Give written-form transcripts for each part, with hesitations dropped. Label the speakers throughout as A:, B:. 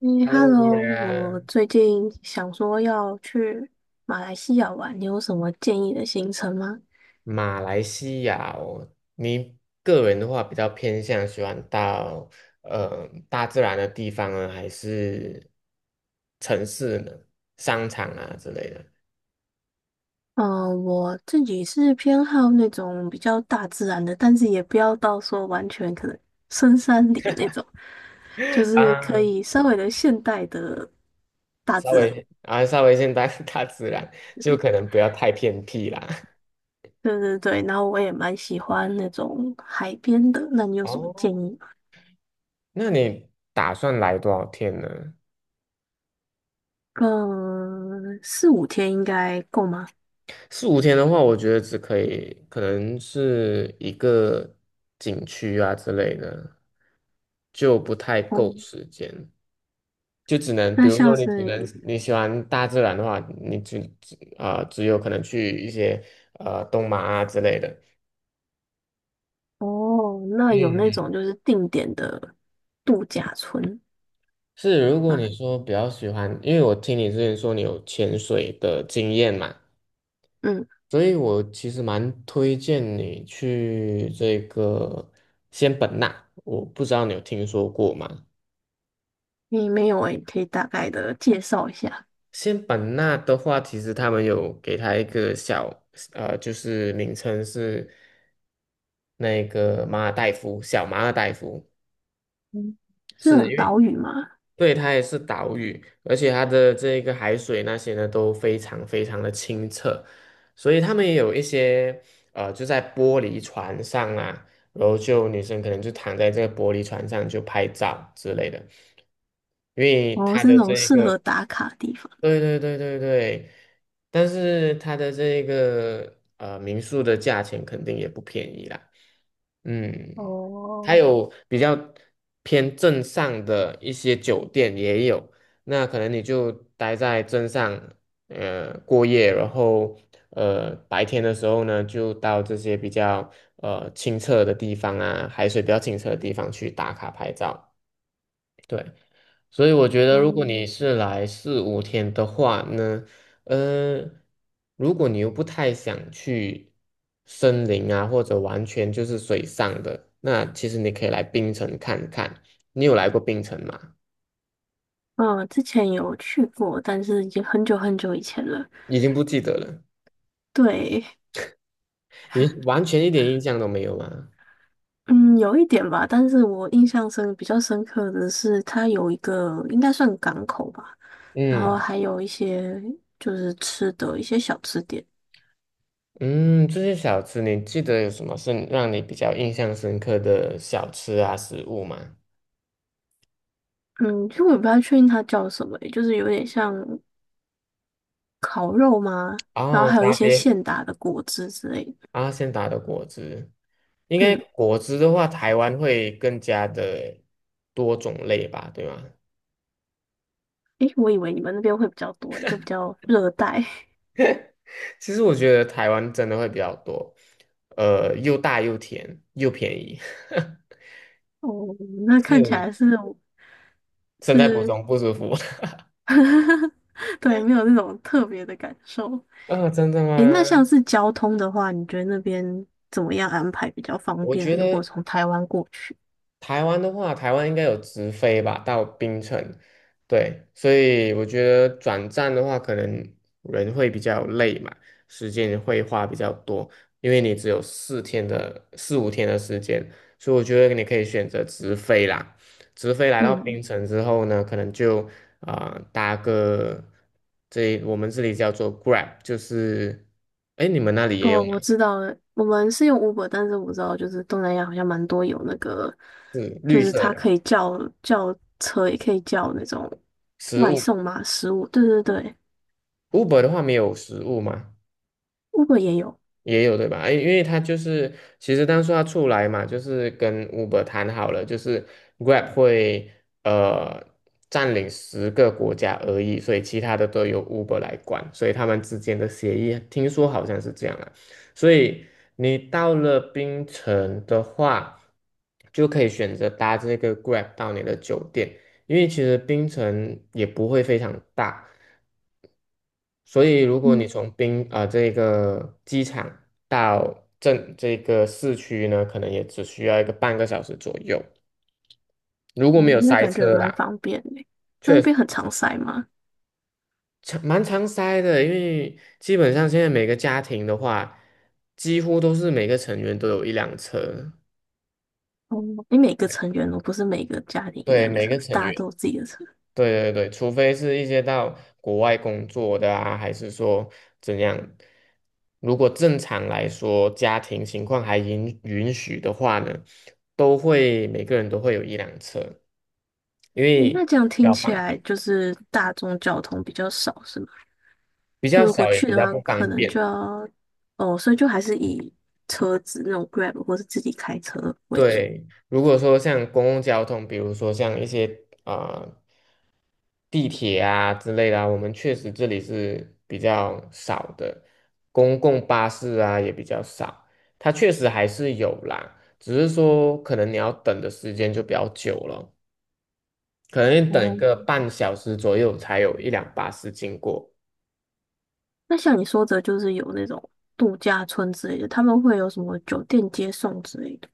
A: 嗯
B: Hello，果
A: ，Hello，我
B: 然，
A: 最近想说要去马来西亚玩，你有什么建议的行程吗？
B: 马来西亚哦，你个人的话比较偏向喜欢到大自然的地方呢，还是城市呢？商场啊之类的。
A: 嗯，我自己是偏好那种比较大自然的，但是也不要到说完全可能深山里那种，就 是可
B: 啊，
A: 以稍微的现代的大
B: 稍
A: 自然。
B: 微啊稍微先大 大自然，就可能不要太偏僻啦。
A: 对对对，然后我也蛮喜欢那种海边的，那你 有什么建
B: 哦，
A: 议吗？
B: 那你打算来多少天呢？
A: 嗯，四五天应该够吗？
B: 四五天的话，我觉得只可以，可能是一个景区啊之类的，就不太够
A: 嗯，
B: 时间，就只能，比
A: 那
B: 如
A: 像
B: 说你只
A: 是。
B: 能你喜欢大自然的话，你只有可能去一些东马啊之类的。
A: 哦，那有那种
B: 嗯，
A: 就是定点的度假村
B: 是，如果
A: 啊。
B: 你说比较喜欢，因为我听你之前说你有潜水的经验嘛。
A: 嗯，
B: 所以我其实蛮推荐你去这个仙本那，我不知道你有听说过吗？
A: 你没有诶，可以大概的介绍一下。
B: 仙本那的话，其实他们有给它一个小，就是名称是那个马尔代夫，小马尔代夫，
A: 嗯，是那
B: 是
A: 种
B: 因为
A: 岛屿嘛？
B: 对，它也是岛屿，而且它的这个海水那些呢都非常非常的清澈，所以他们也有一些就在玻璃船上啊，然后就女生可能就躺在这个玻璃船上就拍照之类的，因为
A: 哦，
B: 它
A: 是那
B: 的
A: 种
B: 这一
A: 适合
B: 个
A: 打卡的地方。
B: 对对对对对，但是它的这个民宿的价钱肯定也不便宜啦。嗯，还
A: 哦。
B: 有比较偏镇上的一些酒店也有，那可能你就待在镇上，过夜，然后白天的时候呢，就到这些比较清澈的地方啊，海水比较清澈的地方去打卡拍照。对，所以我觉得，如果你
A: 嗯。
B: 是来四五天的话呢，呃，如果你又不太想去森林啊，或者完全就是水上的，那其实你可以来冰城看看。你有来过冰城吗？
A: 嗯，之前有去过，但是已经很久很久以前了。
B: 已经不记得了，
A: 对。
B: 也完全一点印象都没有吗？
A: 嗯，有一点吧，但是我印象比较深刻的是，它有一个应该算港口吧，然后
B: 嗯
A: 还有一些就是吃的一些小吃店。
B: 嗯，这些小吃你记得有什么是让你比较印象深刻的小吃啊食物吗？
A: 嗯，其实我也不太确定它叫什么欸，就是有点像烤肉吗？然后
B: 啊，
A: 还有一
B: 沙
A: 些
B: 爹。
A: 现打的果汁之类的。
B: 阿仙达的果汁，应该
A: 嗯。
B: 果汁的话，台湾会更加的多种类吧，对吗？
A: 诶，我以为你们那边会比较多欸，就比较热带。
B: 其实我觉得台湾真的会比较多，又大又甜又便宜，
A: 哦，那看起
B: 是，
A: 来是
B: 身在福
A: 是，
B: 中不知福。
A: 对，没有那种特别的感受。
B: 啊，真的
A: 诶，那
B: 吗？
A: 像是交通的话，你觉得那边怎么样安排比较方
B: 我
A: 便？
B: 觉
A: 如果
B: 得
A: 从台湾过去。
B: 台湾的话，台湾应该有直飞吧，到槟城。对，所以我觉得转站的话，可能人会比较累嘛，时间会花比较多，因为你只有四天的四五天的时间，所以我觉得你可以选择直飞啦。直飞来到
A: 嗯。
B: 槟城之后呢，可能就搭个这我们这里叫做 Grab，就是哎你们那里也有
A: 哦，
B: 吗？
A: 我知道了，我们是用 Uber，但是我知道就是东南亚好像蛮多有那个，
B: 是
A: 就
B: 绿
A: 是
B: 色
A: 它
B: 的
A: 可以叫车，也可以叫那种
B: 食
A: 外
B: 物。
A: 送嘛，食物。对对对
B: Uber 的话没有食物吗？
A: ，Uber 也有。
B: 也有对吧？哎，因为他就是其实当初他出来嘛，就是跟 Uber 谈好了，就是 Grab 会呃占领10个国家而已，所以其他的都由 Uber 来管，所以他们之间的协议听说好像是这样啊。所以你到了槟城的话，就可以选择搭这个 Grab 到你的酒店，因为其实槟城也不会非常大。所以如果
A: 嗯，
B: 你从这个机场到镇这个市区呢，可能也只需要一个半个小时左右，如果
A: 哦，
B: 没有
A: 那
B: 塞
A: 感觉
B: 车嗯
A: 蛮
B: 啦，
A: 方便的。那
B: 确
A: 那
B: 实
A: 边很常塞吗？
B: 常蛮常塞的，因为基本上现在每个家庭的话，几乎都是每个成员都有一辆车，
A: 哦，你每个成员哦，不是每个家庭一
B: 对，
A: 辆
B: 每
A: 车，
B: 个
A: 是
B: 成
A: 大家
B: 员。
A: 都有自己的车。
B: 对对对，除非是一些到国外工作的啊，还是说怎样？如果正常来说，家庭情况还允许的话呢，都会每个人都会有一辆车，因
A: 诶，那
B: 为
A: 这样
B: 比
A: 听
B: 较
A: 起
B: 方
A: 来
B: 便，
A: 就是大众交通比较少，是吗？
B: 比
A: 就
B: 较
A: 如果
B: 少也
A: 去
B: 比
A: 的
B: 较
A: 话，
B: 不方
A: 可能
B: 便。
A: 就要。哦，所以就还是以车子那种 Grab 或是自己开车为主。
B: 对，如果说像公共交通，比如说像一些啊、呃地铁啊之类的啊我们确实这里是比较少的，公共巴士啊也比较少，它确实还是有啦，只是说可能你要等的时间就比较久了，可能你等一
A: 哦，
B: 个半小时左右才有一辆巴士经过。
A: 那像你说的，就是有那种度假村之类的，他们会有什么酒店接送之类的。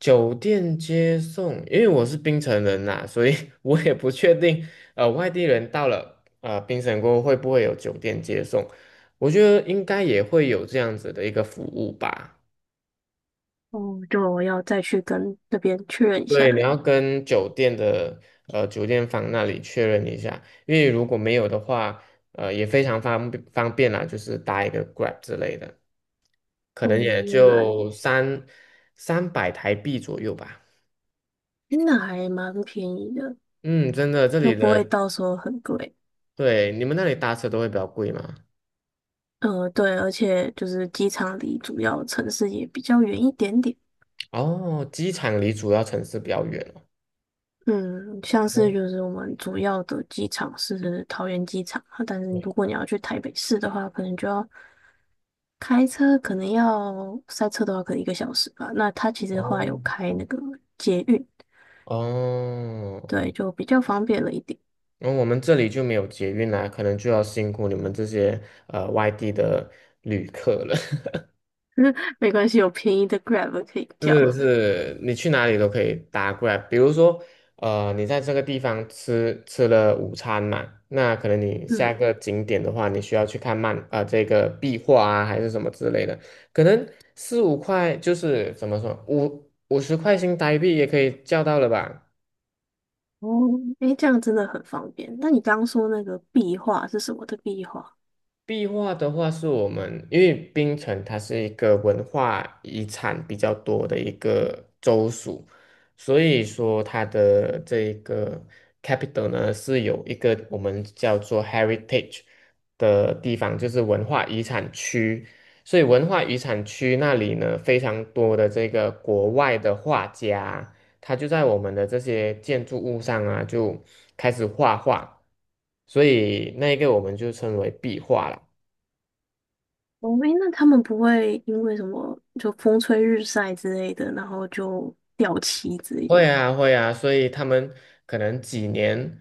B: 酒店接送，因为我是槟城人呐、所以 我也不确定，外地人到了槟城过后会不会有酒店接送，我觉得应该也会有这样子的一个服务吧。
A: 哦，就我要再去跟那边确认一
B: 对，你
A: 下。
B: 要跟酒店的酒店房那里确认一下，因为如果没有的话，也非常方便啦，就是搭一个 Grab 之类的，可
A: 哦，
B: 能也
A: 原来。
B: 就三百台币左右吧。
A: 那还蛮便宜的，
B: 嗯，真的，这
A: 就
B: 里
A: 不会
B: 的，
A: 到时候很贵。
B: 对，你们那里搭车都会比较贵吗？
A: 对，而且就是机场离主要城市也比较远一点点。
B: 哦，机场离主要城市比较远哦。
A: 嗯，像是
B: 哦
A: 就是我们主要的机场是桃园机场啊，但是如果
B: 对
A: 你要去台北市的话，可能就要开车，可能要塞车的话，可能一个小时吧。那它其实后
B: 哦
A: 来有开那个捷运。
B: 哦，
A: 对，就比较方便了一点。
B: 然后我们这里就没有捷运啦，可能就要辛苦你们这些外地的旅客了。
A: 没关系，有便宜的 Grab 可以叫。
B: 是是，你去哪里都可以搭过来。比如说，你在这个地方吃了午餐嘛，那可能你下
A: 嗯。
B: 一个景点的话，你需要去看漫啊、这个壁画啊，还是什么之类的，可能四五块就是怎么说，五十块新台币也可以叫到了吧？
A: 哦。诶，这样真的很方便。那你刚刚说那个壁画是什么的壁画？
B: 壁画的话，是我们因为槟城它是一个文化遗产比较多的一个州属，所以说它的这一个 capital 呢是有一个我们叫做 heritage 的地方，就是文化遗产区。所以文化遗产区那里呢，非常多的这个国外的画家，他就在我们的这些建筑物上啊，就开始画画，所以那一个我们就称为壁画了。
A: 哦。诶，那他们不会因为什么就风吹日晒之类的，然后就掉漆之类的。
B: 会啊，会啊，所以他们可能几年，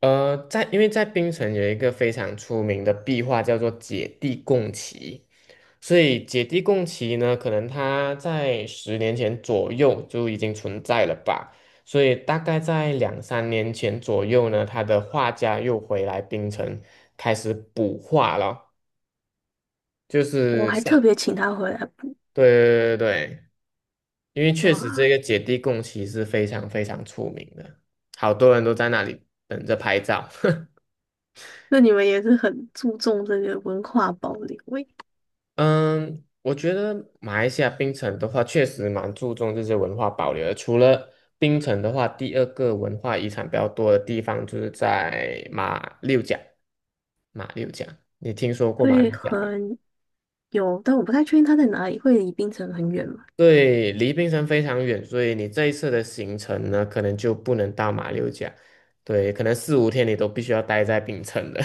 B: 在因为在槟城有一个非常出名的壁画叫做《姐弟共骑》，所以《姐弟共骑》呢，可能他在10年前左右就已经存在了吧，所以大概在两三年前左右呢，他的画家又回来槟城开始补画了，就
A: 我
B: 是
A: 还
B: 像，
A: 特别请他回来补。
B: 对对对对。因为确
A: 哇，
B: 实这个姐弟共骑是非常非常出名的，好多人都在那里等着拍照。
A: 那你们也是很注重这个文化保留诶。
B: 嗯，我觉得马来西亚槟城的话，确实蛮注重这些文化保留的。除了槟城的话，第二个文化遗产比较多的地方就是在马六甲。马六甲，你听说过马
A: 会
B: 六甲没？
A: 很有，但我不太确定他在哪里，会离槟城很远吗？
B: 对，离槟城非常远，所以你这一次的行程呢，可能就不能到马六甲。对，可能四五天你都必须要待在槟城的。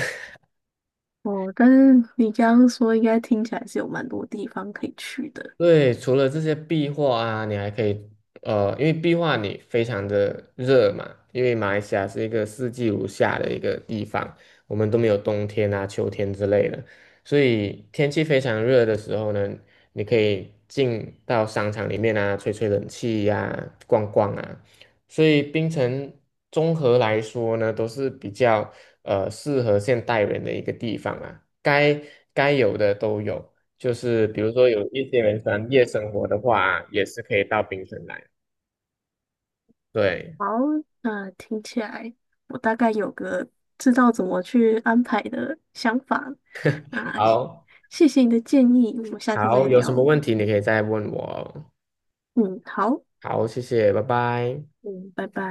A: 哦，但是你刚刚说应该听起来是有蛮多地方可以去的。
B: 对，除了这些壁画啊，你还可以，因为壁画你非常的热嘛，因为马来西亚是一个四季如夏的一个地方，我们都没有冬天啊、秋天之类的，所以天气非常热的时候呢，你可以进到商场里面啊，吹吹冷气呀、逛逛啊，所以槟城综合来说呢，都是比较适合现代人的一个地方啊，该有的都有。就是比如说有一些人喜欢夜生活的话，也是可以到槟城来。对，
A: 好，那听起来我大概有个知道怎么去安排的想法。啊，
B: 好，
A: 谢谢你的建议，我们下次
B: 好，
A: 再
B: 有什么
A: 聊。
B: 问题你可以再问我哦。
A: 嗯，好。
B: 好，谢谢，拜拜。
A: 嗯，拜拜。